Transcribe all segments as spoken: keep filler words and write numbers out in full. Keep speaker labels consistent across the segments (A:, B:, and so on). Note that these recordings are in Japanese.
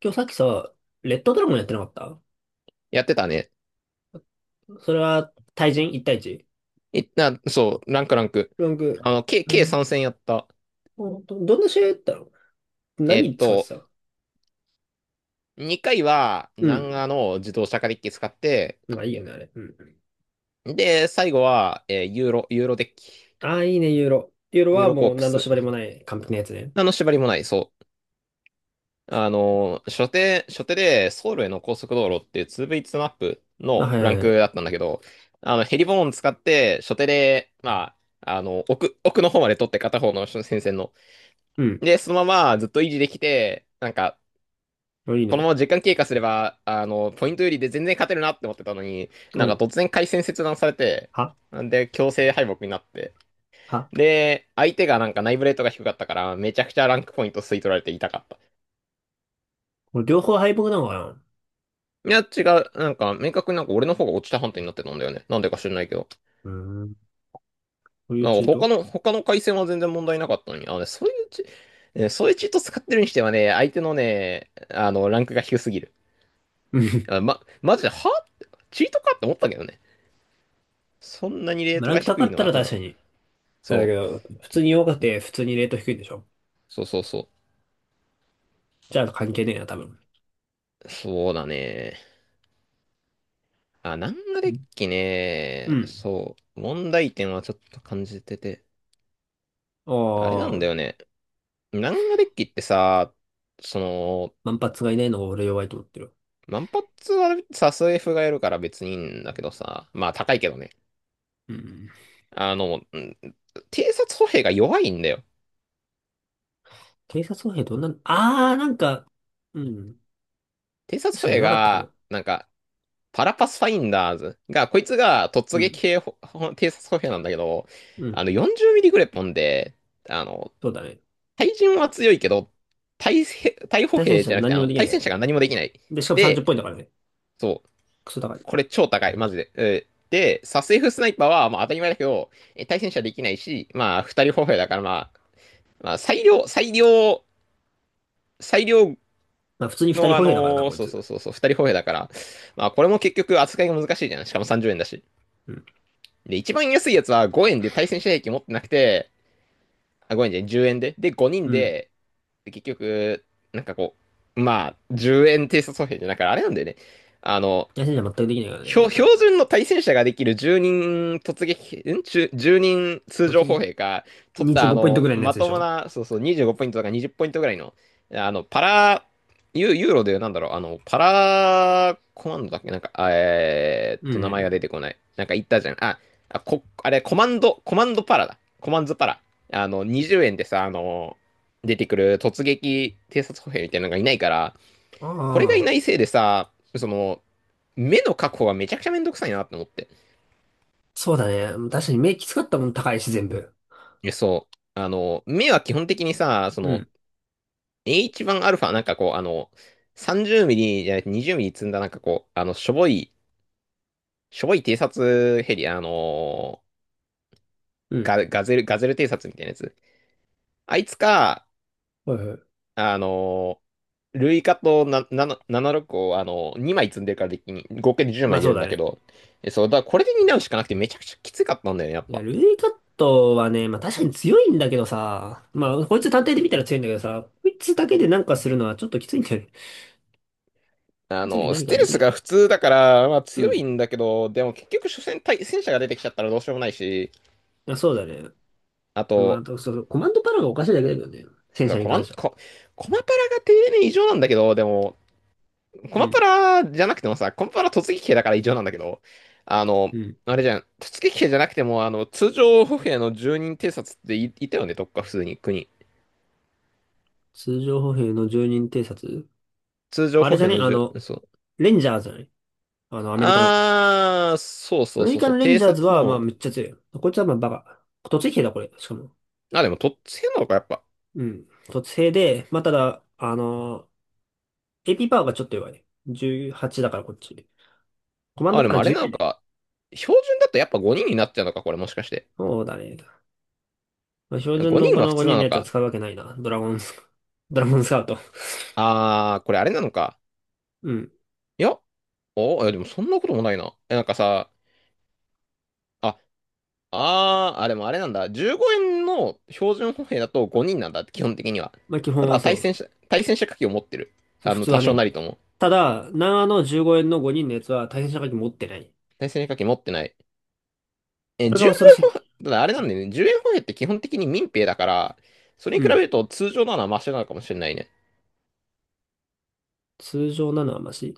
A: 今日さっきさ、レッドドラゴンやってなかった？
B: やってたね。
A: それは対人 ?いち 対 いち？
B: いな、そう、ランクランク。
A: ランク、
B: あの、計、
A: う
B: 計
A: ん。
B: さんせん戦やった。
A: ど、どんな試合やったの？
B: えっ
A: 何使って
B: と、
A: た？
B: にかいは、
A: う
B: 南
A: ん。
B: アの自動車化デッキ使って、
A: まあいいよね、あれ。うん。
B: で、最後は、えーユーロ、ユーロデッキ。
A: ああ、いいね、ユーロ。ユーロ
B: ユー
A: は
B: ロコー
A: もう
B: プ
A: 何の
B: ス。
A: 縛りもない完璧なやつね。
B: あの、縛りもない、そう。あの、初手、初手で、ソウルへの高速道路っていう ツーブイツー マップ
A: あ、
B: の
A: はいは
B: ラン
A: いは
B: ク
A: い。
B: だったんだけど、あの、ヘリボーン使って、初手で、まあ、あの、奥、奥の方まで取って片方の戦線の。
A: うん。
B: で、そのままずっと維持できて、なんか、
A: あ、いい
B: このま
A: ね。
B: ま時間経過すれば、あの、ポイントよりで全然勝てるなって思ってたのに、
A: う
B: なん
A: ん。
B: か突然回線切断されて、
A: は
B: で、強制敗北になって。
A: は。
B: で、相手がなんかナイブレートが低かったから、めちゃくちゃランクポイント吸い取られて痛かった。
A: これ両方敗北なのかな？
B: いや、違う。なんか、明確になんか俺の方が落ちた判定になってたんだよね。なんでか知らないけど。
A: うーん。こういう
B: なん
A: チ
B: か
A: ー
B: 他
A: ト？
B: の、他の回線は全然問題なかったのに。あのね、そういうチ、ねそういうチート使ってるにしてはね、相手のね、あの、ランクが低すぎる。
A: うん。
B: あま、マジで、はチートかって思ったけどね。そんなに レー
A: まあ
B: ト
A: ラン
B: が
A: ク高
B: 低
A: か
B: い
A: っ
B: の
A: た
B: は
A: ら
B: 多
A: 確か
B: 分。
A: に。あれだ
B: そ
A: け
B: う、
A: ど、普通に弱くて普通にレート低いんでしょ？
B: そうそうそ
A: じゃあ関係ねえな、多分。
B: う。そうだね。あ、ナンガデッキ
A: う
B: ね。
A: ん。
B: そう。問題点はちょっと感じてて。あれな
A: あ
B: んだよ
A: あ。
B: ね。ナンガデッキってさ、その、
A: 万発がいないのが俺弱いと思ってる。
B: 万発はさ、スエフがやるから別にいいんだけどさ。まあ高いけどね。
A: うん。
B: あの、うん、偵察歩兵が弱いんだよ。
A: 偵察歩兵どんな、あー、なんか、うん。
B: 偵察
A: 確
B: 歩
A: かに
B: 兵
A: 弱かったか
B: が、
A: も。
B: なんか、パラパスファインダーズが、こいつが突
A: う
B: 撃
A: ん。
B: 系ほほ偵察歩兵なんだけど、
A: う
B: あ
A: ん。
B: のよんじゅうミリグレポンで、あの、
A: そうだね。
B: 対人は強いけど、対兵対歩
A: 対戦
B: 兵
A: 者
B: じゃなくて、
A: 何
B: あ
A: にも
B: の、
A: できな
B: 対
A: いか
B: 戦
A: ら
B: 車が
A: ね。
B: 何もできない。
A: で、しかもさんじゅう
B: で、
A: ポイントだからね。
B: そう、
A: クソ高い。
B: これ超高い、マジで。えーで、サス F スナイパーは、まあ当たり前だけど、えー対戦車できないし、まあ二人歩兵だから、まあ、まあ最良、最良、最良
A: まあ普通にふたり
B: のあ
A: 歩兵だからな、
B: のー
A: こい
B: そう
A: つ。
B: そうそうそう、二人歩兵だから、まあこれも結局扱いが難しいじゃん。しかもさんじゅうえんだし。
A: うん。
B: で、一番安いやつはごえんで対戦車兵器持ってなくて、あ、ごえんじゃない、じゅうえんで。で、ごにん
A: うん。
B: で、で結局、なんかこう、まあ、じゅうえん偵察歩兵じゃなくて、あれなんだよね。あの、
A: 対戦者全くできないからね、こ
B: 標
A: いつら。
B: 標準の対戦車ができるじゅうにん突撃、ん？ じゅう 人通
A: 突
B: 常歩
A: 撃。
B: 兵か、とったあ
A: にじゅうごポイント
B: の、
A: ぐらいのやつ
B: ま
A: で
B: と
A: し
B: も
A: ょ？
B: な、そうそう、にじゅうごポイントとかにじゅうポイントぐらいの、あの、パラ、ユユーロでなんだろう、あの、パラコマンドだっけなんか、あえーっ
A: うんう
B: と、
A: ん
B: 名
A: う
B: 前が
A: ん。
B: 出てこない。なんか言ったじゃん。あ、あ、こ、あれ、コマンド、コマンドパラだ。コマンズパラ。あの、にじゅうえんでさ、あの、出てくる突撃偵察歩兵みたいなのがいないから、
A: あ
B: これがい
A: あ、
B: ないせいでさ、その、目の確保がめちゃくちゃめんどくさいなって思って。
A: そうだね。確かに目きつかったもん高いし、全部。
B: そう。あの、目は基本的にさ、そ
A: う
B: の、
A: ん。
B: H1α、なんかこう、あの、さんじゅうミリじゃなくてにじゅうミリ積んだ、なんかこう、あの、しょぼい、しょぼい偵察ヘリ、あのー
A: うん。
B: ガ、ガゼル、ガゼル偵察みたいなやつ。あいつか、
A: はいはい。
B: あのー、ルイカとなななななじゅうろくを、あのー、にまい積んでるからできに、合計で10
A: ま
B: 枚
A: あ
B: 出
A: そう
B: るん
A: だ
B: だけ
A: ね。
B: ど、えそう、だからこれで担うしかなくてめちゃくちゃきつかったんだよね、やっ
A: いや、
B: ぱ。
A: ルイカットはね、まあ確かに強いんだけどさ、まあこいつ単体で見たら強いんだけどさ、こいつだけでなんかするのはちょっときついんだよね。こ
B: あ
A: いつだけで
B: の、
A: 何
B: ス
A: かは
B: テ
A: で
B: ル
A: き
B: ス
A: ない。
B: が普通だから、まあ
A: う
B: 強
A: ん。
B: いんだけど、でも結局、所詮対戦車が出てきちゃったらどうしようもないし、
A: あ、そうだね。
B: あ
A: まあ、あ
B: と、
A: とそう、コマンドパラがおかしいだけだけどね。戦車に
B: コマ
A: 関
B: ン、
A: しては。
B: コ、コマパラが丁寧異常なんだけど、でも、コ
A: う
B: マパ
A: ん。
B: ラじゃなくてもさ、コマパラ突撃兵だから異常なんだけど、あの、
A: うん。
B: あれじゃん、突撃兵じゃなくても、あの、通常歩兵の住人偵察ってい、いたよね、どっか普通に、国。
A: 通常歩兵の住人偵察？
B: 通常
A: あ
B: 歩
A: れじゃ
B: 兵
A: ね
B: の
A: あ
B: 住、
A: の、
B: そう。
A: レンジャーズじゃない？あの、アメリカの。
B: あー、そう
A: ア
B: そう
A: メリ
B: そう
A: カ
B: そう、
A: のレン
B: 偵
A: ジャーズ
B: 察
A: は、まあ
B: の、
A: めっちゃ強い。こいつはまあバカ。突撃兵だ、これ。しかも。
B: あ、でも、とっつけんのか、やっぱ。
A: うん。卒生で、まあ、ただ、あのエー、エーピー パワーがちょっと弱い。じゅうはちだからこっち。コマン
B: あ、
A: ド
B: で
A: パ
B: も
A: ワー
B: あれなの
A: じゅうきゅうね。
B: か。標準だとやっぱごにんになっちゃうのか、これもしかして。
A: そうだね。まあ、標準
B: 5
A: の
B: 人
A: こ
B: は
A: の
B: 普通
A: 5
B: な
A: 人の
B: の
A: やつは
B: か。
A: 使うわけないな。ドラゴンス、ドラゴンスカウト。
B: あー、これあれなのか。
A: うん。
B: いや、お、いやでもそんなこともないな。え、なんかさ、あ、あー、あ、でもあれなんだ。じゅうごえんの標準歩兵だとごにんなんだ、基本的には。
A: まあ、基
B: た
A: 本は
B: だ、
A: そ
B: 対
A: う。
B: 戦車、対戦車火器を持ってる。
A: そう、
B: あ
A: 普
B: の、
A: 通
B: 多
A: は
B: 少
A: ね。
B: なりとも。
A: ただ、長野じゅうごえんのごにんのやつは対戦射撃持ってない。
B: 対戦車火器持ってない。え、
A: これが
B: 10
A: 恐ろしい
B: 円、
A: ね。
B: ただあれなんだよね。いちえん歩兵って基本的に民兵だから、それ
A: う
B: に比べ
A: ん。
B: ると通常なのはマシなのかもしれないね。
A: 通常なのはマシ。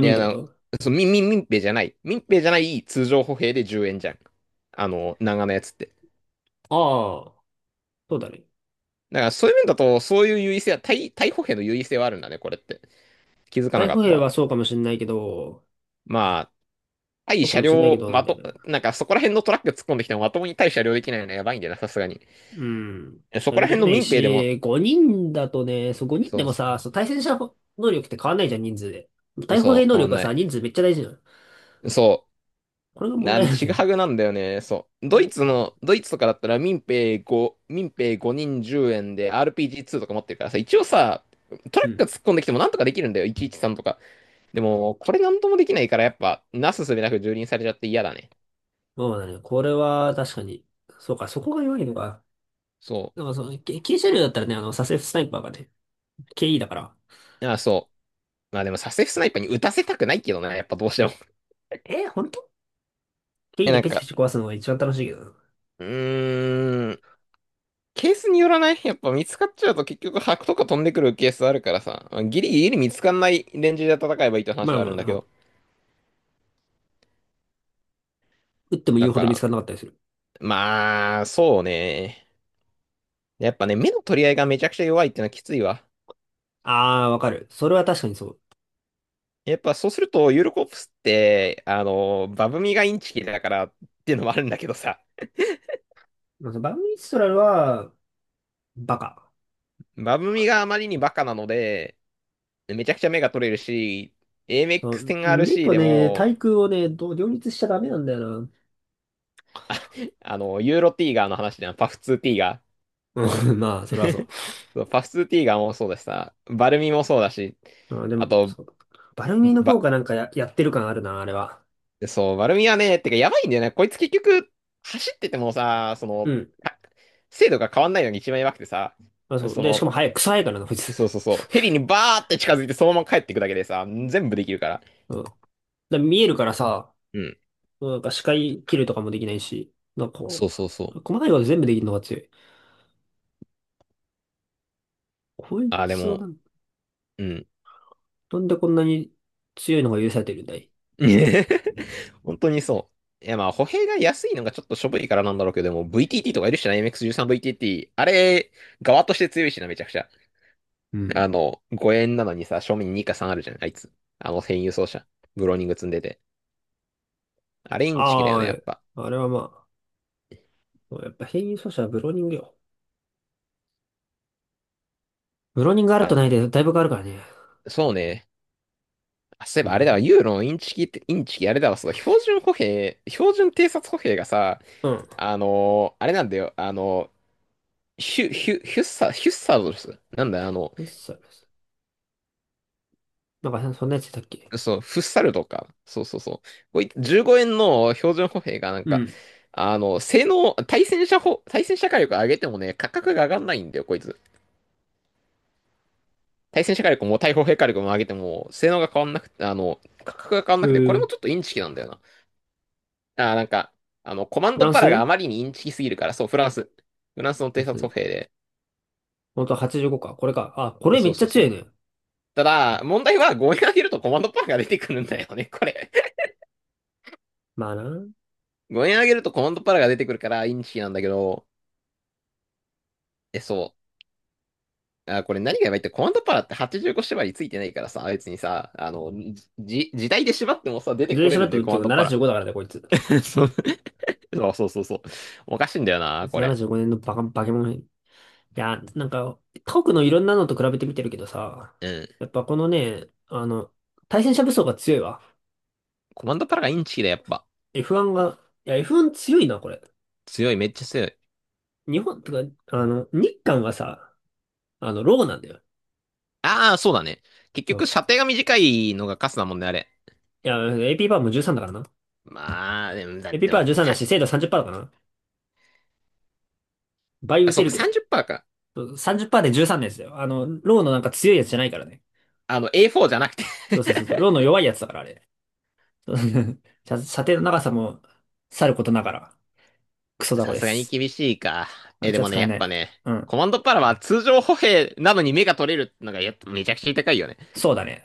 B: い
A: 人っ
B: や、
A: てこ
B: あの、
A: と？
B: そう、み、み、民兵じゃない。民兵じゃない通常歩兵でじゅうえんじゃん。あの、長のやつって。
A: ああ、そうだね。
B: だからそういう面だと、そういう優位性は、対、対歩兵の優位性はあるんだね、これって。気づかな
A: 台
B: かっ
A: 風
B: た
A: 兵
B: わ。
A: はそうかもしんないけど、
B: まあ、対
A: そうか
B: 車
A: もしんないけ
B: 両、
A: どなん
B: ま
A: だよ
B: と、
A: ね。
B: なんかそこら辺のトラック突っ込んできてもまともに対車両できないのはやばいんだよな、さすがに。
A: うん。
B: そ
A: そ
B: こ
A: れ
B: ら
A: で
B: 辺
A: き
B: の
A: ない
B: 民兵でも、
A: し、ごにんだとね、そうごにんで
B: そう
A: も
B: そ
A: さ、そう対戦者能力って変わんないじゃん、人数で。
B: う。
A: 対歩
B: そ
A: 兵
B: う、
A: 能
B: 変わ
A: 力
B: ん
A: は
B: な
A: さ、
B: い。
A: 人数めっちゃ大事なの。
B: そ
A: これが
B: う。
A: 問
B: な
A: 題
B: ん、
A: なん
B: ち
A: だ
B: ぐ
A: よね。
B: はぐなんだよね。そう。ドイツの、ドイツとかだったら民兵5、民兵ごにんじゅうえんで アールピージーツー とか持ってるからさ、一応さ、トラ
A: う
B: ックが
A: ん。
B: 突っ込んできてもなんとかできるんだよ、チさんとか。でも、これなんともできないから、やっぱ、なすすべなく蹂躙されちゃって嫌だね。
A: まあね、これは確かに、そうか、そこが弱いのか。
B: そ
A: なんかその、け軽車両だったらね、あの、サセフスナイパーがね、ケーイー だから。
B: う。ああ、そう。まあでも、サセフスナイパーに打たせたくないけどな、やっぱどうしても。
A: えー、本当 ?ケーイー
B: え、
A: で
B: なん
A: ペチペ
B: か、
A: チ壊すのが一番楽しいけどな。
B: うーん、ケースによらないやっぱ見つかっちゃうと結局、白とか飛んでくるケースあるからさ、ギリギリ見つかんないレンジで戦えばいいって
A: ま
B: 話
A: あ
B: はあ
A: ま
B: るん
A: あ、あ
B: だけど。
A: の撃っても
B: だ
A: 言うほ
B: か
A: ど見つか
B: ら、
A: らなかったりする。
B: まあ、そうね。やっぱね、目の取り合いがめちゃくちゃ弱いってのはきついわ。
A: あー、わかる。それは確かにそう。
B: やっぱそうすると、ユーロコープスって、あの、バブミがインチキだからっていうのもあるんだけどさ、
A: まあそバグミストラルは、バカ。
B: バブミがあまりにバカなので、めちゃくちゃ目が取れるし、
A: そう、メ
B: エーエムエックステンアールシー
A: と
B: で
A: ね、
B: も、
A: 対空をね、どう両立しちゃダメなんだよな。
B: あの、ユーロティーガーの話ではパフツーティーガー。
A: うん、まあ、それはそ
B: そうパフツーティーガーもそうだしさ、バルミもそうだし、
A: う。あ、で
B: あ
A: も、
B: と、
A: そう。バルミの方
B: ば
A: がなんかや、やってる感あるな、あれは。
B: でそう、丸みはね、てかやばいんだよね。こいつ結局、走っててもさ、その、
A: うん。
B: か精度が変わんないのに一番やばくてさ、
A: あ、そう。
B: そ
A: で、しか
B: の、
A: も早い、草早いからな、こいつ。
B: そうそうそう、ヘリにバーって近づいてそのまま帰ってくだけでさ、全部できるから。
A: うん。で、見えるからさ、
B: うん。
A: なんか視界切るとかもできないし、なんかこ
B: そうそうそう。
A: う、細かいこと全部できるのが強い。こい
B: あ、で
A: つは
B: も、
A: なん、
B: うん。
A: なんでこんなに強いのが許されてるんだい？
B: 本当にそう。いやまあ、歩兵が安いのがちょっとしょぼいからなんだろうけど、でも ブイティーティー とかいるしな、エムエックスサーティーンブイティーティー。あれ、側として強いしな、めちゃくちゃ。
A: うん。
B: あの、ごえんなのにさ、正面ににかさんあるじゃん、あいつ。あの、編輸送車。ブローニング積んでて。あれインチキだ
A: あ
B: よ
A: あ、
B: ね、やっ
A: え、
B: ぱ。
A: あれはまあ、やっぱ変異素子はブローニングよ。ブローニングあると
B: あ、
A: ないで、だいぶ変わるからね。
B: そうね。あ、そういえ
A: う
B: ばあれだ
A: ん。
B: わ、ユーロのインチキって、インチキあれだわ、そう、標準歩兵、標準偵察歩兵がさ、
A: うん。
B: あのーあれなんだよ、あのーヒュ、ヒュ、ヒュッサ、ヒュッサードですなんだよ、あの、
A: フッサルス。なんか、そんなやついたっけ？
B: そう、フッサルとか、そうそうそう。こいじゅうごえんの標準歩兵がなん
A: う
B: か、
A: ん。
B: あの、性能、対戦車歩、対戦車火力上げてもね、価格が上がんないんだよ、こいつ。対戦車火力も対砲兵火力も上げても、性能が変わんなくて、あの、価格が変わん
A: え
B: なくて、これ
A: ー、
B: もちょっとインチキなんだよな。ああなんか、あの、コマン
A: フラ
B: ド
A: ン
B: パ
A: ス
B: ラがあ
A: フ
B: まりにインチキすぎるから、そう、フランス。フランスの偵
A: ラン
B: 察歩
A: ス
B: 兵で。
A: 本当ははちじゅうごか。これか。あ、こ
B: え、
A: れめ
B: そ
A: っ
B: う
A: ち
B: そ
A: ゃ
B: うそ
A: 強い
B: う。
A: ね。
B: ただ、問題はごえん上げるとコマンドパラが出てくるんだよね、これ。
A: まあな。
B: ごえん上げるとコマンドパラが出てくるからインチキなんだけど、え、そう。あこれ何がやばいって、コマンドパラってはっこ縛りついてないからさ、別にさ、あの、じ、時代で縛ってもさ、出て
A: 全
B: これ
A: 然喋
B: る
A: っ
B: ん
A: て
B: で、
A: もっ
B: コ
A: てい
B: マ
A: う
B: ン
A: か
B: ドパラ。
A: ななじゅうごだからね、こいつ。こ
B: そうそうそうそう。おかしいんだよ
A: い
B: な、
A: つ
B: これ。
A: ななじゅうごねんのバカ、バケモン。いや、なんか、他国のいろんなのと比べてみてるけどさ、
B: うん。
A: やっぱこのね、あの、対戦車武装が強いわ。
B: コマンドパラがインチキだ、やっぱ。
A: エフワン が、いや、エフワン 強いな、これ。
B: 強い、めっちゃ強い。
A: 日本、とか、あの、日韓がさ、あの、ローなんだよ。
B: ああ、そうだね。結
A: そ
B: 局、射
A: う
B: 程が短いのがカスだもんね、あれ。
A: いや、エーピー パワーもじゅうさんだからな。
B: まあ、でも、だ
A: エーピー
B: で
A: パワー
B: も
A: じゅうさんだ
B: た
A: し、精度さんじゅっパーセントだからな。倍
B: あ
A: 打
B: そ
A: て
B: うか、
A: るけど。
B: さんじゅっパーセントか。
A: さんじゅっパーセントでじゅうさんですよ。あの、ローのなんか強いやつじゃないからね。
B: あの、エーフォー じゃなくて
A: そうそうそうそう。ローの弱いやつだから、あれ。そう 射射程の長さもさることながら、クソ 雑魚
B: さ
A: で
B: すがに
A: す。
B: 厳しいか。
A: あい
B: え、
A: つ
B: で
A: は
B: もね、
A: 使え
B: やっ
A: な
B: ぱ
A: い。
B: ね、
A: うん。
B: コマンドパラは通常歩兵なのに目が取れるのが、やっぱめちゃくちゃ痛いよね。
A: そうだね。